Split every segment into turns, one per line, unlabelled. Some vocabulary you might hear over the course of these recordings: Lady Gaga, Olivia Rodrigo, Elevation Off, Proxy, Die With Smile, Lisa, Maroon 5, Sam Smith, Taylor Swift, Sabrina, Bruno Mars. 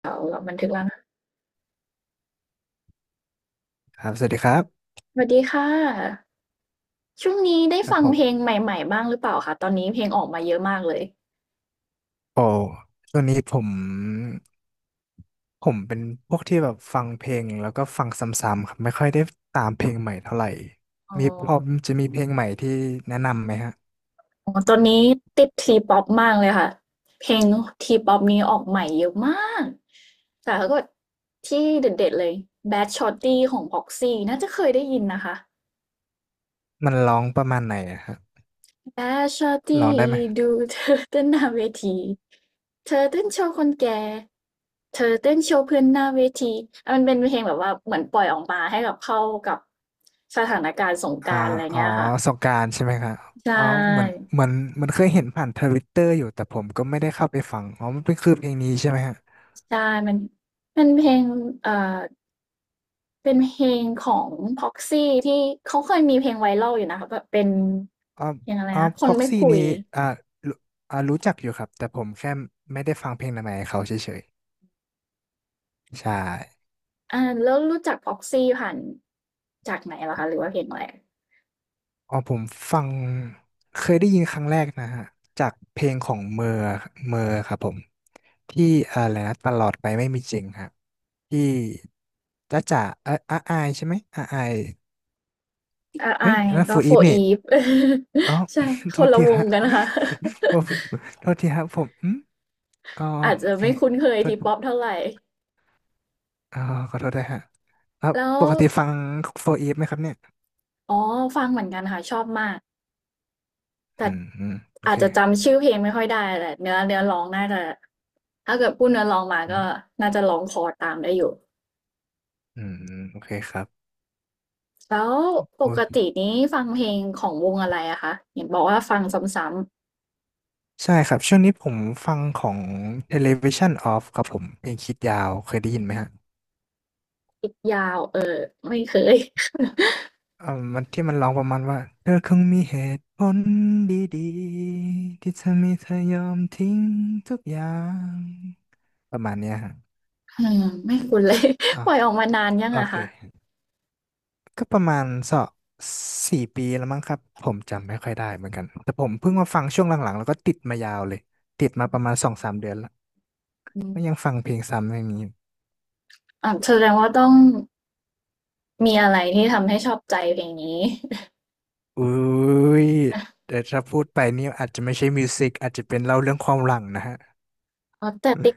เดี๋ยวเราบันทึกแล้วนะ
ครับสวัสดีครับ
สวัสดีค่ะช่วงนี้ได้
ครับ
ฟัง
ผม
เพลงใหม่ๆบ้างหรือเปล่าคะตอนนี้เพลงออกมาเยอะมากเลย
โอ้ช่วงนี้ผมเป็นพวกที่แบบฟังเพลงแล้วก็ฟังซ้ำๆครับไม่ค่อยได้ตามเพลงใหม่เท่าไหร่
อ๋อ
มีพอจะมีเพลงใหม่ที่แนะนำไหมฮะ
อ๋อตอนนี้ติด T-pop มากเลยค่ะเพลง T-pop นี้ออกใหม่เยอะมากแต่ถ้าเกิดที่เด็ดๆเลย Bad Shorty ของ Proxy น่าจะเคยได้ยินนะคะ
มันร้องประมาณไหนอะฮะ
ตาชอ
ร้อ
ตี้
งได้ไหม
ดูเธอเต้นหน้าเวทีเธอเต้นโชว์คนแก่เธอเต้นโชว์เพื่อนหน้าเวทีอ่ะมันเป็นเพลงแบบว่าเหมือนปล่อยออกมาให้กับเข้ากับสถานการณ์สงก
อ่า
รานต์อะไร
อ๋อ
เงี้ยค่ะ
สงกรานต์ใช่ไหมครับ
ใช
อ๋อเหมือน
่
เหมือนมันเคยเห็นผ่านทวิตเตอร์อยู่แต่ผมก็ไม่ได้เข้าไปฟังอ๋อมันเป็นคือเพลงนี้ใช่ไหมฮะ
ใช่มันเป็นเพลงเอ่อเป็นเพลงของ Proxy ที่เขาเคยมีเพลงไวรัลอยู่นะคะแบบเป็น
อ๋อ
เพลงอะไร
อ๋อ
นะค
พ็
น
อก
ไม่
ซี่
คุ
นี่
ย
อ่ารู้รู้จักอยู่ครับแต่ผมแค่ไม่ได้ฟังเพลงใหม่ๆของเขาเฉย ใช่
อ่าแล้วรู้จัก Proxy ผ่านจากไหนเหรอคะหรือว่าเพลงอะไร
อ๋อผมฟังเคยได้ยินครั้งแรกนะฮะจากเพลงของเมอร์ครับผมที่อะไรนะตลอดไปไม่มีจริงครับที่จ้ะจ๋าอาอายใช่ไหมอาอาย
RI
เฮ้ยอันนั่นโฟ
ก็
ร์อีฟนี่
4EVE
อ๋อ
ใช่
โท
ค
ษ
นละ
ที
วง
ฮะ
กันนะค่ะ
ผมโทษทีครับผมอืมอ๋อ
อาจ
โอ
จะ
เค
ไม่คุ้นเคย
โทษ
ทีป๊อปเท่าไหร่
อ๋อขอโทษด้วยฮะครับ
แล้ว
ปกติฟังโฟร์อีฟไหมครับเนี่ย
อ๋อฟังเหมือนกันค่ะชอบมาก
อื
แต่
มอืมโอ
อา
เค
จจะจำชื่อเพลงไม่ค่อยได้แหละเนื้อร้องน่าจะถ้าเกิดพูดเนื้อร้องมา
อื
ก็
ม
น่าจะร้องคอตามได้อยู่
อืมโอเคครับ
แล้วปกตินี้ฟังเพลงของวงอะไรอะคะเห็นบอกว่าฟังซ้
ใช่ครับช่วงนี้ผมฟังของ Elevation Off ครับผมเพลงคิดยาวเคยได้ยินไหมฮะ
ำๆยาวเออไม่เคย
มันที่มันร้องประมาณว่าเธอคงมีเหตุผลดีๆที่ทำให้เธอยอมทิ้งทุกอย่างประมาณเนี้ยฮะ
อืมไม่คุ้นเลย
อ๋อ
ปล่อยออกมานานยัง
โอ
อะ
เค
คะ
ก็ประมาณสองสี่ปีแล้วมั้งครับผมจำไม่ค่อยได้เหมือนกันแต่ผมเพิ่งมาฟังช่วงหลังๆแล้วก็ติดมายาวเลยติดมาประมาณสองสามเดือนแล้ว
อืม
ก็ยังฟังเพลงซ้ำอย่างนี้
อ่ะแสดงว่าต้อง มีอะไรที่ทำให้ชอบใจเพลงนี้
อุ้ยแต่ถ้าพูดไปนี่อาจจะไม่ใช่มิวสิกอาจจะเป็นเล่าเรื่องความหลังนะฮะ
อ๋อแต่ติ๊ก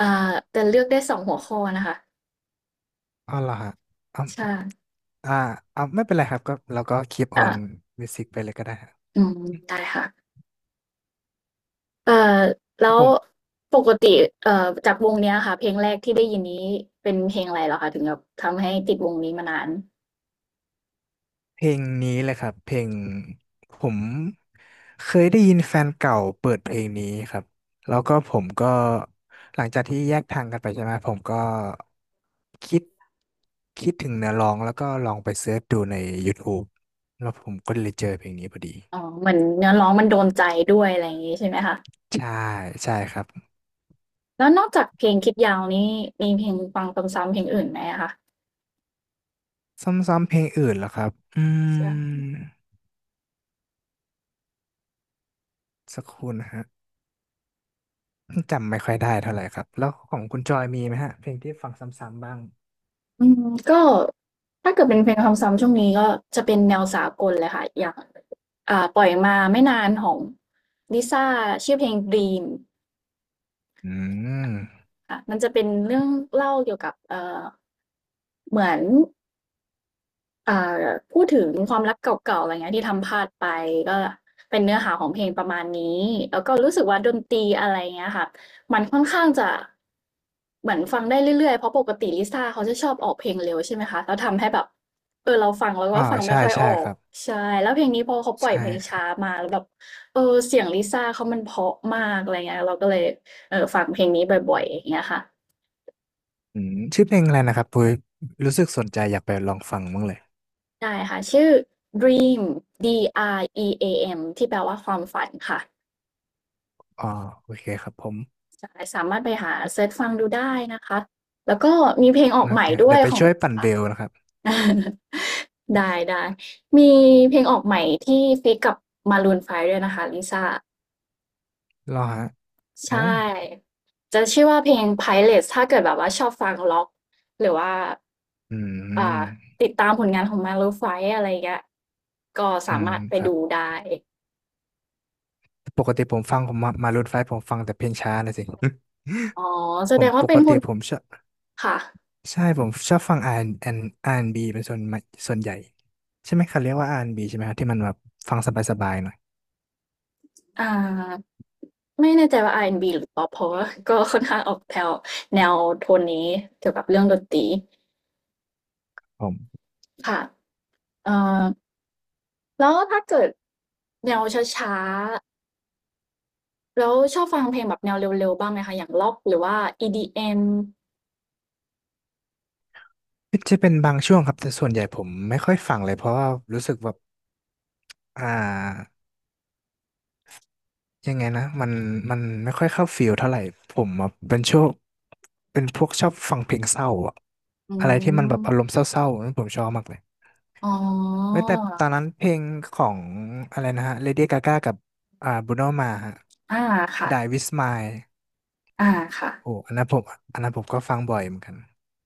อ่าแต่เลือกได้2หัวข้อนะคะ
อ๋อเหรอฮะอ่า
ใช่
อ่าไม่เป็นไรครับก็เราก็คีปออ
อา
นมิวสิกไปเลยก็ได้ครับ
อืมได้ค่ะเอ่อ
ครั
แล้
บ
ว
ผม
ปกติจากวงเนี้ยค่ะเพลงแรกที่ได้ยินนี้เป็นเพลงอะไรเหรอคะถึงแบบทำให้ติดวงนี้มานาน
เพลงนี้เลยครับเพลงผมเคยได้ยินแฟนเก่าเปิดเพลงนี้ครับแล้วก็ผมก็หลังจากที่แยกทางกันไปใช่ไหมผมก็คิดคิดถึงเนื้อร้องแล้วก็ลองไปเสิร์ชดูใน YouTube แล้วผมก็เลยเจอเพลงนี้พอดี
อ๋อเหมือนเนื้อร้องมันโดนใจด้วยอะไรอย่างงี้ใช่ไหมคะ
ใช่ใช่ครับ
แล้วนอกจากเพลงคิดยาวนี้ มีเพลงฟังซ้ำๆเพลงอื่นไหมอะคะ
ซ้ำๆเพลงอื่นเหรอครับอื
ใช่
มสักครู่นะฮะจำไม่ค่อยได้เท่าไหร่ครับแล้วของคุณจอยมีไหมฮะเพลงที่ฟังซ้ำๆบ้าง
อืมก็ถ้าเกิดเป็นเพลงซ้ำๆช่วงนี้ก็จะเป็นแนวสากลเลยค่ะอย่างอ่าปล่อยมาไม่นานของ Lisa ชื่อเพลง "Dream"
อืม
ค่ะมันจะเป็นเรื่องเล่าเกี่ยวกับเหมือน อ่าพูดถึงความรักเก่าๆอะไรเงี้ยที่ทำพลาดไปก็เป็นเนื้อหาของเพลงประมาณนี้แล้วก็รู้สึกว่าดนตรีอะไรเงี้ยค่ะมันค่อนข้างจะเหมือนฟังได้เรื่อยๆเพราะปกติลิซ่าเขาจะชอบออกเพลงเร็วใช่ไหมคะแล้วทำให้แบบเออเราฟังแล้วก็ฟัง
ใช่
ไม่ค่อย
ใช่
ออ
ค
ก
รับ
ใช่แล้วเพลงนี้พอเขาปล่อย
ใช่
เพลงช้ามาแล้วแบบเออเสียงลิซ่าเขามันเพราะมากอะไรเงี้ยเราก็เลยเออฟังเพลงนี้บ่อยๆอย่างเงี้ยค่ะ
อืมชื่อเพลงอะไรนะครับปุ้ยรู้สึกสนใจอยากไปลองฟังบ้างเลย
ได้ค่ะชื่อ Dream D R E A M ที่แปลว่าความฝันค่ะ
อ๋อโอเคครับผม
ใช่สามารถไปหาเซิร์ชฟังดูได้นะคะแล้วก็มีเพลงออ
โอ
กให
เค
ม่ด้
เดี๋
ว
ย
ย
วไป
ของ
ช่วย
ลิ
ปั่นเบ
ซ่า
ลนะครับ
ได้ได้มีเพลงออกใหม่ที่ฟีกกับ Maroon 5ด้วยนะคะลิซ่า
รอฮะ
ใช่
โอ้
จะชื่อว่าเพลง Pilot ถ้าเกิดแบบว่าชอบฟังล็อกหรือว่า
อื
อ่า
ม
ติดตามผลงานของ Maroon 5อะไรอย่างเงี้ยก็
อื
สา
ม
มารถไป
ครับ
ดูได้
ปกติผมฟังผมมารูทไฟว์ผมฟังแต่เพลงช้านะสิ
อ๋อ แส
ผ
ด
ม
ง
ป
ว่าเป็
ก
นค
ติ
น
ผมชอบ
ค่ะ
ใช่ผมชอบฟัง R&B R&B เป็นส่วนมากส่วนใหญ่ใช่ไหมเขาเรียกว่าอาร์แอนด์บ b ใช่ไหมครับที่มันแบบฟังสบายๆหน่อย
อ่าไม่แน่ใจว่าอาร์แอนด์บ b หรือป๊อปเพราะว่าก็ค่อนข้างออกแถวแนวโทนนี้เกี่ยวกับเรื่องดนตรี
ผม
ค่ะเอ่อแล้วถ้าเกิดแนวช้าๆแล้วชอบฟังเพลงแบบแนวเร็วๆ บ้างไหมคะ อย่างร็อกหรือว่า EDM
จะเป็นบางช่วงครับแต่ส่วนใหญ่ผมไม่ค่อยฟังเลยเพราะว่ารู้สึกแบบอ่ายังไงนะมันไม่ค่อยเข้าฟิลเท่าไหร่ผมอะเป็นช่วงเป็นพวกชอบฟังเพลงเศร้าอะ
อื
อะไรที่มันแบบอาร
ม
มณ์เศร้าๆนั่นผมชอบมากเลย
อ๋
เว้ย
อ
แต่ตอนนั้นเพลงของอะไรนะฮะ Lady Gaga กับBruno Mars ฮะ
อาค่ะ
Die With Smile
อาค่ะ
โอ้อันนั้นผมอันนั้นผมก็ฟังบ่อยเหมือนกัน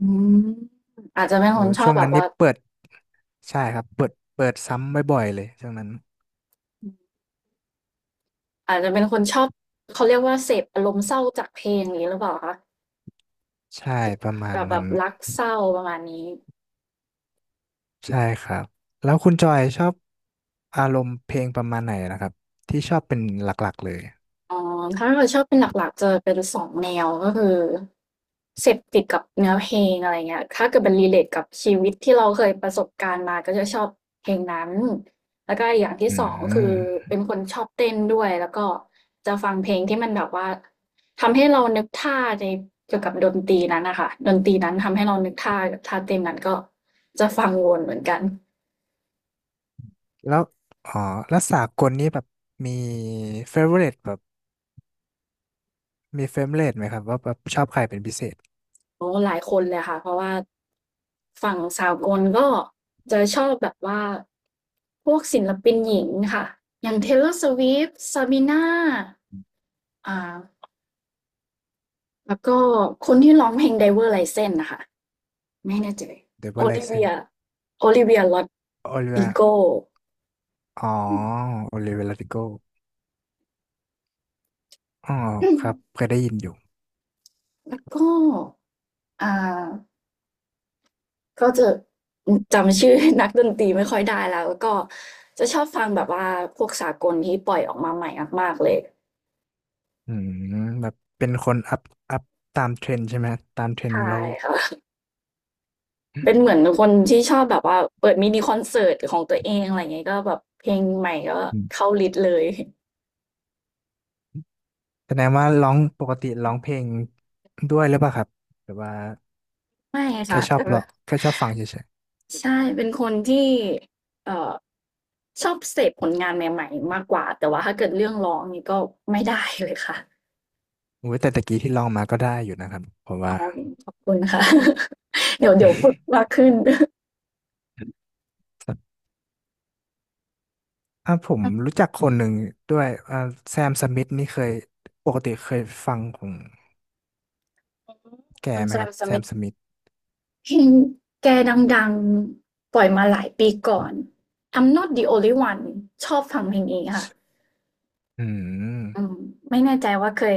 อืมอาจจะเป็น
โอ้
คนชอ
ช่
บ
วง
แบ
นั้น
บ
นี่
ว่า
เปิด ใช่ครับ เปิดซ้ำบ่อยๆเลยช่วงนั้น
อาจจะเป็นคนชอบเขาเรียกว่าเสพอารมณ์เศร้าจากเพลงอย่างงี้หรือเปล่าคะ
ใช่ประมา
แบ
ณ
บแบ
นั้น
บรักเศร้าประมาณนี้
ใช่ครับ แล้วคุณจอยชอบอารมณ์เพลงประมาณไหนนะครับที่ชอบเป็นหลักๆเลย
อ๋อถ้าเกิดชอบเป็นหลักๆจะเป็นสองแนวก็คือเสพติดกับเนื้อเพลงอะไรเงี้ยถ้าเกิดมัน relate กับชีวิตที่เราเคยประสบการณ์มาก็จะชอบเพลงนั้นแล้วก็อีกอย่าง
อื
ที่2ก็คือ
ม
เป็นคนชอบเต้นด้วยแล้วก็จะฟังเพลงที่มันแบบว่าทำให้เรานึกท่าในเกี่ยวกับดนตรีนั้นน่ะค่ะดนตรีนั้นทำให้เรานึกท่าเต้นนั้นก็จะฟังวนเหมือนกัน
แล้ว อ๋อแล้วสากลนี้แบบมีเฟเวอร์เแบบมีเฟเวอร์เไหมครับว่าแบบชอบใครเป็นพิเศษ
โอ้หลายคนเลยค่ะ เพราะว่าฝั่งสากลก็จะชอบแบบว่าพวกศิลปินหญิงค่ะ อย่าง Taylor Swift Sabrina อ่าแล้วก็คนที่ร้องเพลง Driver's License น่ะค่ะไม่แน่ใจ
เดวิ l ไลเซน
Olivia Olivia
โอลิเว
Rodrigo
อ๋อโอลิเวลาติโกอ๋อ
อืม
ครับเคยได้ยินอยู่
แล้วก็อ่าก็จะอืมจำชื่อนักดนตรีไม่ค่อยได้แล้ว แล้วก็จะชอบฟังแบบว่าพวกสากลที่ปล่อยออกมาใหม่มากๆเลย
อืมแบบเป็นคนอัพตามเทรนด์ใช่ไหมตามเทรนด์
ใช่
เรา
ค่ะ เป็นเหมือนคนที่ชอบแบบว่าเปิดมินิคอนเสิร์ตของตัวเองอะไรเงี้ยก็แบบเพลงใหม่ก็
อืม
เข้าลิสต์เลย
แสดงว่าร้องปกติร้องเพลงด้วยหรือเปล่าครับหรือว่า
ไม่
แค่
ค่ะ
ชอบ
แต่
ร้องแค่ชอบฟังเฉย
ใช่เป็นคนที่เอ่อชอบเสพผลงานใหม่ๆมากกว่าแต่ว่าถ้าเกิดเรื่องร้องนี่ก็ไม่ได้เลยค่ะ
ๆโอ้ยแต่ตะกี้ที่ร้องมาก็ได้อยู่นะครับผม
อ๋
ว่า
อขอบคุณค่ะ เดี๋ยวฝึกมา กขึ้น
อ่ะผม
อืม
รู้จักคนหนึ่งด้วยแซมสมิธนี่เคยปกติเคยฟังของแก
คุณ
ไหม
แส
ครั
ม
บ
ส
แซ
m i
มสมิธ
t เพลงแกดังๆปล่อยมาหลายปีก่อน I'm Not the Only One ชอบฟังเพลงนี้ค่ะ
อื
อื
ม
มไม่แน่ใจว่าเคย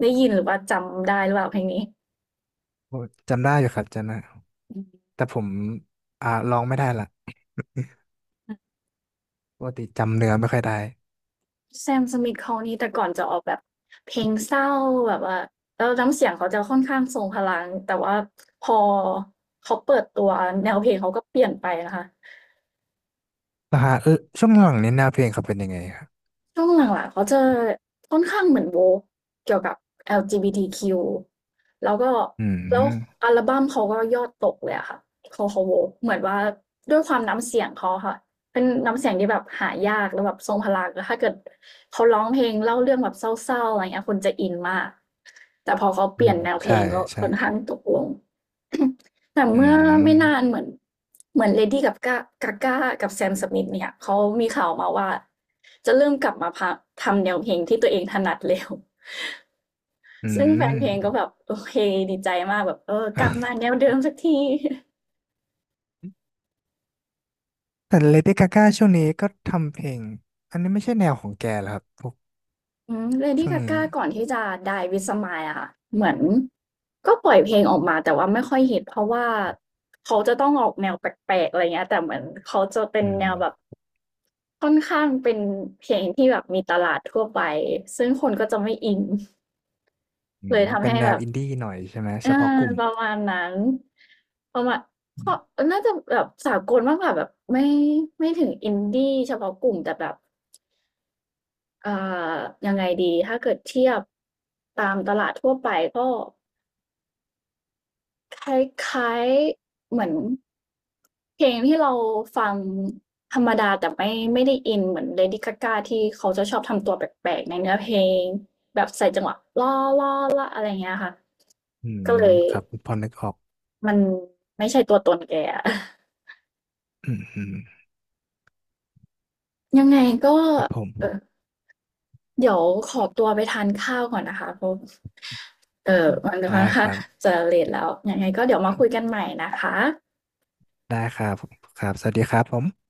ได้ยินหรือว่าจำได้หรือเปล่าเพลงนี้
โอ้จำได้อยู่ครับจำได้
อืม
แต่ผมร้องไม่ได้ละปกติจำเนื้อไม่ค่อยได้
แซมสมิทเขานี่แต่ก่อนจะออกแบบเพลงเศร้าแบบว่าแล้วน้ำเสียงเขาจะค่อนข้างทรงพลังแต่ว่าพอเขาเปิดตัวแนวเพลงเขาก็เปลี่ยนไปนะคะ
นะฮะเออช่วงหลังนี้แนวเพลงเขาเป็นยังไงครับ
ช่วงหลังๆเขาจะค่อนข้างเหมือน woke เกี่ยวกับ LGBTQ แล้วก็
อื
แล้ว
ม
อัลบัมเขาก็ยอดตกเลยอะค่ะเขา woke เหมือนว่าด้วยความน้ำเสียงเขาอะค่ะเป็นน้ำเสียงที่แบบหายากแล้วแบบทรงพลังแล้วถ้าเกิดเขาร้องเพลงเล่าเรื่องแบบเศร้าๆอะไรเงี้ยคนจะอินมากแต่พอเขาเป
อื
ลี่
ม
ยนแนวเพล
ใช่
งก็
ใช่
ค่อนข้างตกลง แต่
อื
เมื่อไม่นาน
ม
เหมือน Lady Gaga Gaga กับ Sam Smith เนี่ยเขามีข่าวมาว่าจะเริ่มกลับมาพะทำแนวเพลงที่ตัวเองถนัดแล้ว
อื
ซึ่งแฟนเพลงก็
ม
แบบโอเคดีใจมากแบบเออกลับมา แนวเดิมสักที
แต่เลดี้กาก้าช่วงนี้ก็ทำเพลงอันนี้ไม่ใช่แนวของแกเหรอครับพวก
อืม Lady
ช่วงนี้
Gaga ก่อนที่จะ Die with Smile อะค่ะเหมือนก็ปล่อยเพลงออกมาแต่ว่าไม่ค่อยฮิตเพราะว่าเขาจะต้องออกแนวแปลกๆอะไรเงี้ยแต่เหมือนเขาจะเป็
อื
น
ม
แนวแบบ ค่อนข้างเป็นเพลงที่แบบมีตลาดทั่วไปซึ่งคนก็จะไม่อิน
อื
เล
ม
ยทำ
เป็น
ให้
แน
แบ
ว
บ
อินดี้หน่อยใช่ไหม
เอ
เฉ
อ
พาะกลุ่ม
ประมาณนั้นประมาณก็น่าจะแบบสากลมากกว่าแบบไม่ถึง Indie เฉพาะกลุ่มแต่แบบอ่ายังไงดีถ้าเกิดเทียบตามตลาดทั่วไปก็ คล้ายๆเหมือนเพลงที่เราฟังธรรมดาแต่ไม่ได้อินเหมือน Lady Gaga ที่เขาจะชอบทำตัวแปลกๆในเนื้อเพลงแบบใส่จังหวะอะไรอย่างเงี้ยค่ะ
อืม
ก็เลย
ครับพอนึกออก
มันไม่ใช่ตัวตนแกอะ
อืมอืม
ยังไงก็
ครับผม
เอ่อเดี๋ยวขอตัวไปทานข้าวก่อนนะคะเพราะมัน
ได้
ค่อน
ค
ข้า
รั
ง
บ
จะเลตแล้วยังไงก็เดี๋ยวมาคุยกันใหม่นะคะ
ได้ครับครับสวัสดีครับผม